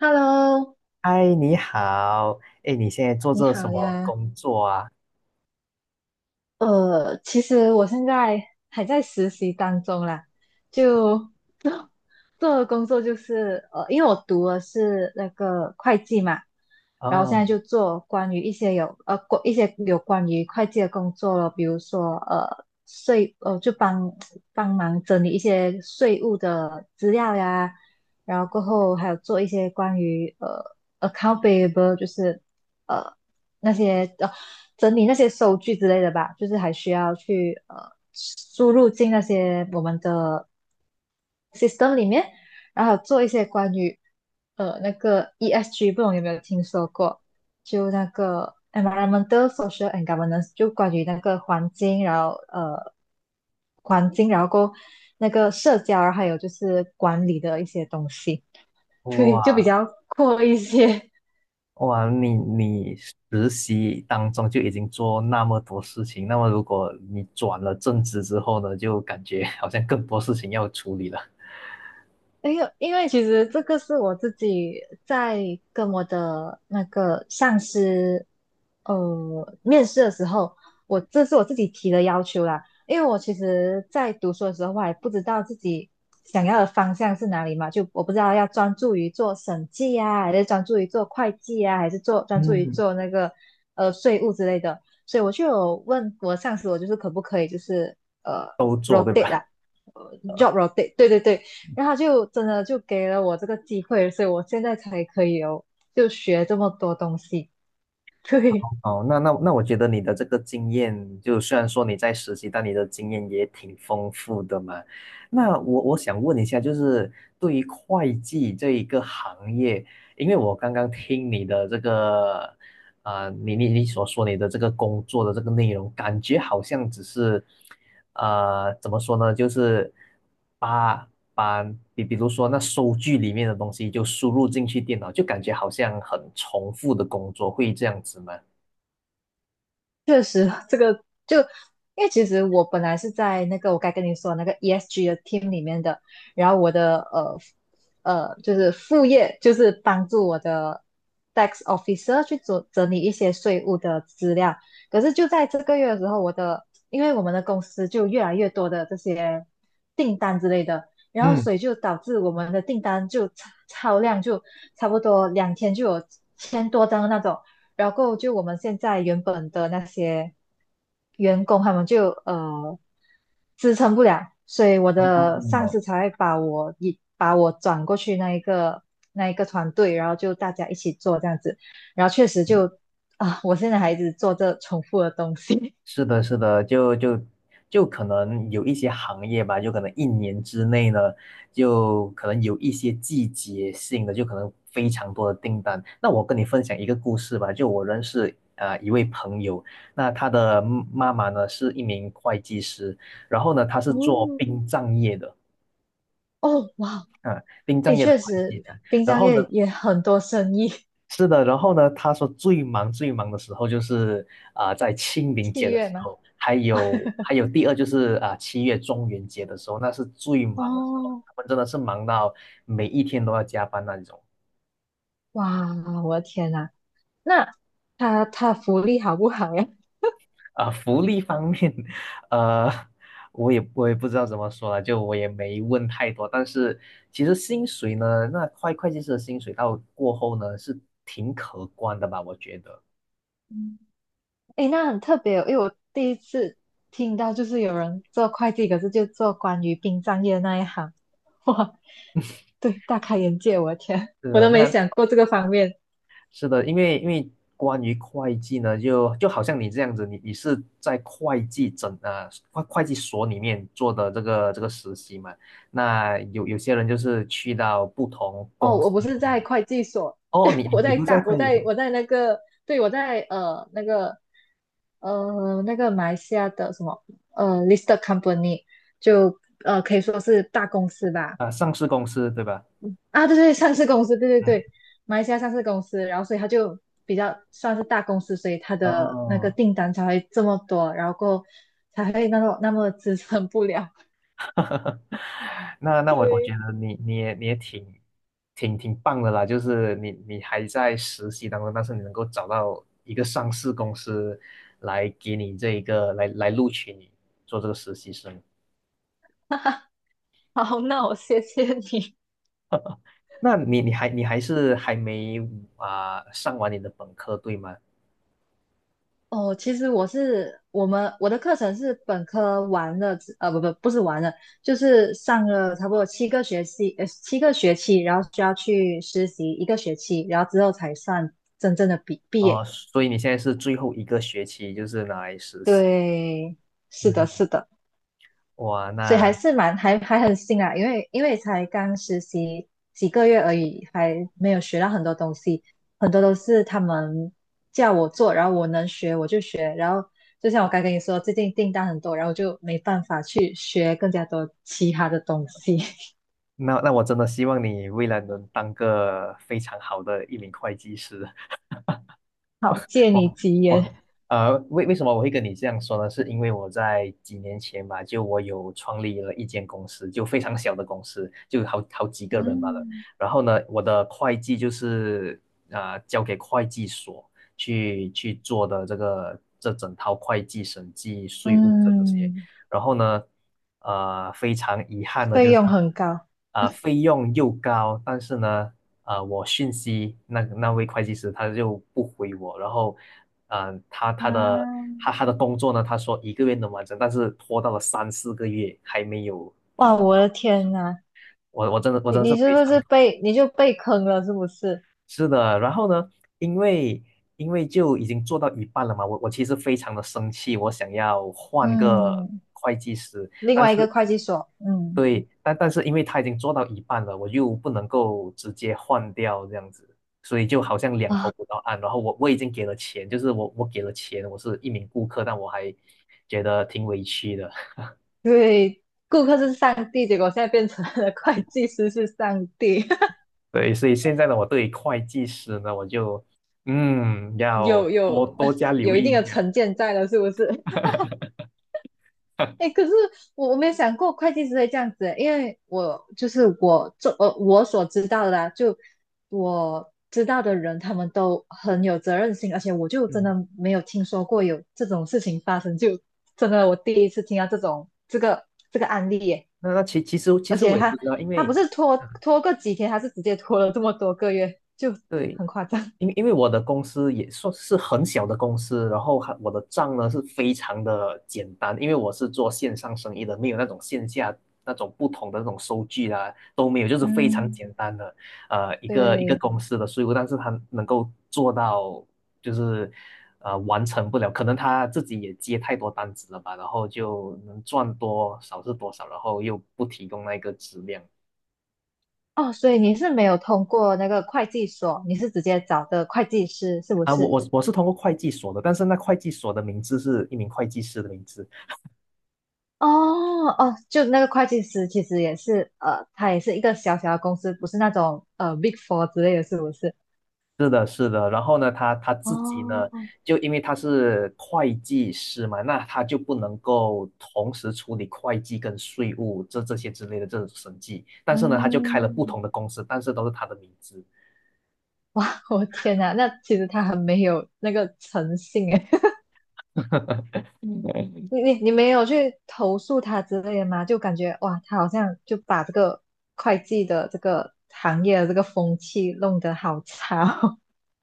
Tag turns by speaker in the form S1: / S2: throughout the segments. S1: Hello，
S2: 嗨，你好，哎，你现在做
S1: 你
S2: 着什
S1: 好
S2: 么
S1: 呀，
S2: 工作啊？
S1: 其实我现在还在实习当中啦，就 做的工作就是因为我读的是那个会计嘛，然后现在
S2: 哦。
S1: 就做关于一些一些有关于会计的工作了，比如说呃税呃就帮忙整理一些税务的资料呀，然后过后还有做一些关于 account p a b l e 就是。呃。那些整理那些收据之类的吧，就是还需要去输入进那些我们的 system 里面，然后做一些关于那个 ESG，不懂有没有听说过？就那个 environmental, social and governance，就关于那个环境，然后过后那个社交，然后还有就是管理的一些东西，对，就比
S2: 哇
S1: 较阔一些。
S2: 哇，你实习当中就已经做那么多事情，那么如果你转了正职之后呢，就感觉好像更多事情要处理了。
S1: 因为其实这个是我自己在跟我的那个上司面试的时候，是我自己提的要求啦。因为我其实，在读书的时候，我还不知道自己想要的方向是哪里嘛，就我不知道要专注于做审计啊，还是专注于做会计啊，还是专注于
S2: 嗯，
S1: 做那个税务之类的。所以我就有问我上司，我就是可不可以就是呃
S2: 都做对
S1: rotate
S2: 吧？
S1: 啦，呃 job rotate，对对对，然后他就真的就给了我这个机会，所以我现在才可以哦，就学这么多东西。对，
S2: 哦，那我觉得你的这个经验，就虽然说你在实习，但你的经验也挺丰富的嘛。那我想问一下，就是对于会计这一个行业，因为我刚刚听你的这个，你所说你的这个工作的这个内容，感觉好像只是，怎么说呢，就是把把比如说那收据里面的东西就输入进去电脑，就感觉好像很重复的工作，会这样子吗？
S1: 确实就因为其实我本来是在那个我该跟你说的那个 ESG 的 team 里面的，然后我的就是副业就是帮助我的 tax officer 去整理一些税务的资料。可是就在这个月的时候，因为我们的公司就越来越多的这些订单之类的，然后
S2: 嗯。
S1: 所以就导致我们的订单就超量，就差不多两天就有千多张的那种。然后就我们现在原本的那些员工他们就支撑不了，所以我的上
S2: 哦。
S1: 司才会把我转过去那一个团队，然后就大家一起做这样子，然后确实就啊，我现在还一直做这重复的东西。
S2: 是的，是的，就可能有一些行业吧，就可能一年之内呢，就可能有一些季节性的，就可能非常多的订单。那我跟你分享一个故事吧，就我认识一位朋友，那他的妈妈呢是一名会计师，然后呢他 是
S1: 哦
S2: 做殡葬业的。
S1: 哦哇，
S2: 啊，殡
S1: 诶，
S2: 葬业的
S1: 确
S2: 会计
S1: 实
S2: 师，
S1: 殡
S2: 然
S1: 葬
S2: 后
S1: 业
S2: 呢。
S1: 也很多生意，
S2: 是的，然后呢，他说最忙最忙的时候就是在清 明
S1: 戏
S2: 节的
S1: 月
S2: 时
S1: 吗？
S2: 候，还 有还有第二就是七月中元节的时候，那是最忙的时候，
S1: 哦
S2: 他们真的是忙到每一天都要加班那种。
S1: 哇，我的天呐，那他他福利好不好呀？
S2: 福利方面，呃，我也不知道怎么说了，就我也没问太多，但是其实薪水呢，那会计师的薪水到过后呢是挺可观的吧，我觉得。
S1: 嗯诶，那很特别哦，因为我第一次听到就是有人做会计，可是就做关于殡葬业那一行，哇，对，大开眼界，我的天，
S2: 是
S1: 我
S2: 的。
S1: 都没
S2: 那
S1: 想过这个方面。
S2: 是的，因为关于会计呢，就好像你这样子，你是在会计所里面做的这个实习嘛？那有些人就是去到不同
S1: 哦，
S2: 公
S1: 我
S2: 司
S1: 不
S2: 里
S1: 是
S2: 面。
S1: 在会计所，
S2: 哦，你 你不在
S1: 我
S2: 会计
S1: 在
S2: 所。
S1: 我在那个，对，我在那个马来西亚的什么listed company，就呃可以说是大公司吧，
S2: 啊，上市公司对吧？
S1: 啊，对对，上市公司，对对
S2: 嗯。
S1: 对，马来西亚上市公司，然后所以他就比较算是大公司，所以他的那个
S2: 哦。
S1: 订单才会这么多，然后过后才会那种那么支撑不了。
S2: 哈哈，那我觉
S1: 对，
S2: 得你也挺棒的啦，就是你还在实习当中，但是你能够找到一个上市公司来给你这一个来录取你做这个实习生。
S1: 好，那我谢谢你。
S2: 那你还是还没上完你的本科对吗？
S1: 哦，其实我的课程是本科完了之呃，不不不是完了，就是上了差不多七个学期，七个学期，然后需要去实习一个学期，然后之后才算真正的毕毕
S2: 哦、
S1: 业。
S2: 所以你现在是最后一个学期就是拿来实习。
S1: 对，是的，
S2: 嗯。
S1: 是的。
S2: 哇，
S1: 所以
S2: 那
S1: 还是蛮还还很新啊，因为因为才刚实习几个月而已，还没有学到很多东西，很多都是他们叫我做，然后我能学我就学，然后就像我刚跟你说，最近订单很多，然后我就没办法去学更加多其他的东西。
S2: 那那我真的希望你未来能当个非常好的一名会计师。
S1: 好，借你
S2: 我
S1: 吉言，
S2: 我呃，为什么我会跟你这样说呢？是因为我在几年前吧，就我有创立了一间公司，就非常小的公司，就好几个人罢了。
S1: 嗯
S2: 然后呢，我的会计就是啊，交给会计所去做的这整套会计、审计、税务这些。
S1: 嗯，
S2: 然后呢，非常遗憾的
S1: 费
S2: 就是。
S1: 用很高
S2: 费用又高，但是呢，我讯息那位会计师他就不回我，然后，嗯、他他的
S1: 啊，
S2: 他的工作呢，他说1个月能完成，但是拖到了3、4个月还没有。
S1: 哇，
S2: 嗯
S1: 我的天呐，
S2: 我真的，我
S1: 你
S2: 真的是
S1: 你是
S2: 非
S1: 不
S2: 常。
S1: 是被你就被坑了是不是？
S2: 是的，然后呢，因为因为就已经做到一半了嘛，我其实非常的生气，我想要换个
S1: 嗯。
S2: 会计师，
S1: 另
S2: 但
S1: 外一个
S2: 是。
S1: 会计所，嗯，
S2: 对，但是因为他已经做到一半了，我又不能够直接换掉这样子，所以就好像两头
S1: 啊，
S2: 不到岸。然后我已经给了钱，就是我给了钱，我是一名顾客，但我还觉得挺委屈的。
S1: 对，顾客是上帝，结果现在变成了会计师是上帝，
S2: 对，所以现在呢，我对于会计师呢，我就要
S1: 有
S2: 多
S1: 有
S2: 多加留
S1: 有一
S2: 意
S1: 定
S2: 一
S1: 的
S2: 下。
S1: 成见在了，是不是？哎，可是我我没有想过会计师会这样子，因为我就是我所知道的啦，就我知道的人，他们都很有责任心，而且我就真
S2: 嗯，
S1: 的没有听说过有这种事情发生，就真的我第一次听到这个案例耶。
S2: 那其其实其
S1: 而
S2: 实我
S1: 且
S2: 也不
S1: 他
S2: 知道，因
S1: 他不
S2: 为
S1: 是拖
S2: 嗯
S1: 拖个几天，他是直接拖了这么多个月，就
S2: 对，
S1: 很夸张。
S2: 因为我的公司也算是很小的公司，然后还我的账呢是非常的简单，因为我是做线上生意的，没有那种线下那种不同的那种收据啦、都没有，就是非常简
S1: 嗯，
S2: 单的一个
S1: 对，
S2: 公司的税务，但是他能够做到就是完成不了，可能他自己也接太多单子了吧，然后就能赚多少是多少，然后又不提供那个质量。
S1: 哦，所以你是没有通过那个会计所，你是直接找的会计师，是不
S2: 啊，我
S1: 是？
S2: 我我是通过会计所的，但是那会计所的名字是一名会计师的名字。
S1: 哦哦，就那个会计师其实也是，呃，他也是一个小小的公司，不是那种Big Four 之类的，是不是？
S2: 是的，是的。然后呢，他自己呢，
S1: 哦，
S2: 就因为他是会计师嘛，那他就不能够同时处理会计跟税务这些之类的这种审计。但是呢，他就开了不
S1: 嗯，
S2: 同的公司，但是都是他的名字。
S1: 我天哪，那其实他很没有那个诚信诶。
S2: 嗯，
S1: 你你你没有去投诉他之类的吗？就感觉哇，他好像就把这个会计的这个行业的这个风气弄得好差哦，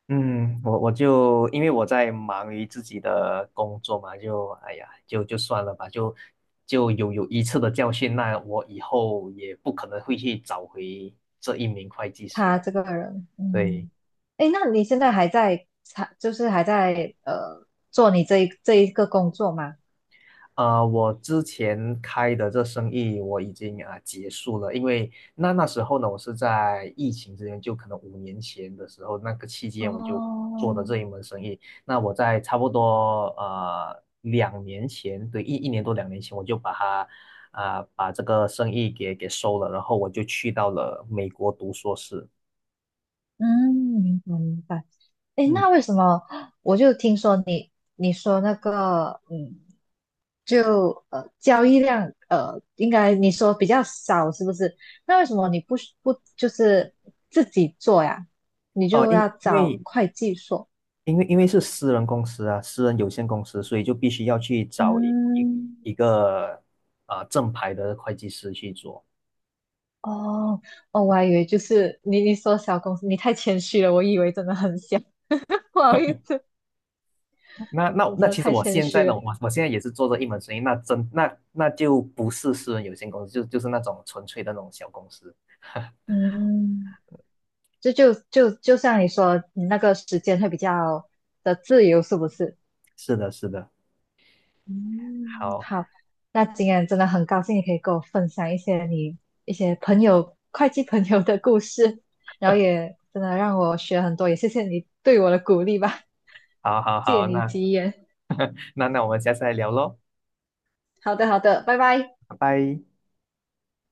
S2: 嗯，我就因为我在忙于自己的工作嘛，就哎呀，就算了吧，就有一次的教训，那我以后也不可能会去找回这一名会计 师
S1: 他
S2: 了。
S1: 这个人，
S2: 对。
S1: 嗯，哎，那你现在还在，就是还在做你这一个工作吗？
S2: 我之前开的这生意我已经结束了，因为那时候呢，我是在疫情之前，就可能5年前的时候，那个期间我就做
S1: 哦，
S2: 的这一门生意。那我在差不多两年前，对，一年多两年前，我就把它把这个生意给收了，然后我就去到了美国读硕士。
S1: 嗯，明白明白。诶，
S2: 嗯。
S1: 那为什么我就听说你你说那个嗯，就交易量，应该你说比较少是不是？那为什么你不不就是自己做呀？你
S2: 哦、
S1: 就
S2: 因
S1: 要
S2: 因
S1: 找
S2: 为
S1: 会计所？
S2: 因为因为是私人公司啊，私人有限公司，所以就必须要去找一一
S1: 嗯，
S2: 一个正牌的会计师去做。
S1: 哦哦，我还以为就是你你说小公司，你太谦虚了，我以为真的很小，不好意思，
S2: 那
S1: 你
S2: 那
S1: 真
S2: 那
S1: 的
S2: 其实
S1: 太
S2: 我
S1: 谦
S2: 现在
S1: 虚
S2: 呢，
S1: 了。
S2: 我现在也是做这一门生意，那真那那就不是私人有限公司，就是那种纯粹的那种小公司。
S1: 嗯。就像你说，你那个时间会比较的自由，是不是？
S2: 是的，是的，
S1: 嗯，
S2: 好，
S1: 好，那今天真的很高兴你可以跟我分享一些你一些朋友会计朋友的故事，然后也真的让我学很多，也谢谢你对我的鼓励吧，
S2: 好，好，
S1: 借
S2: 好，
S1: 你
S2: 那
S1: 吉言。
S2: 那那我们下次再聊喽，
S1: 好的，好的，拜拜。
S2: 拜拜。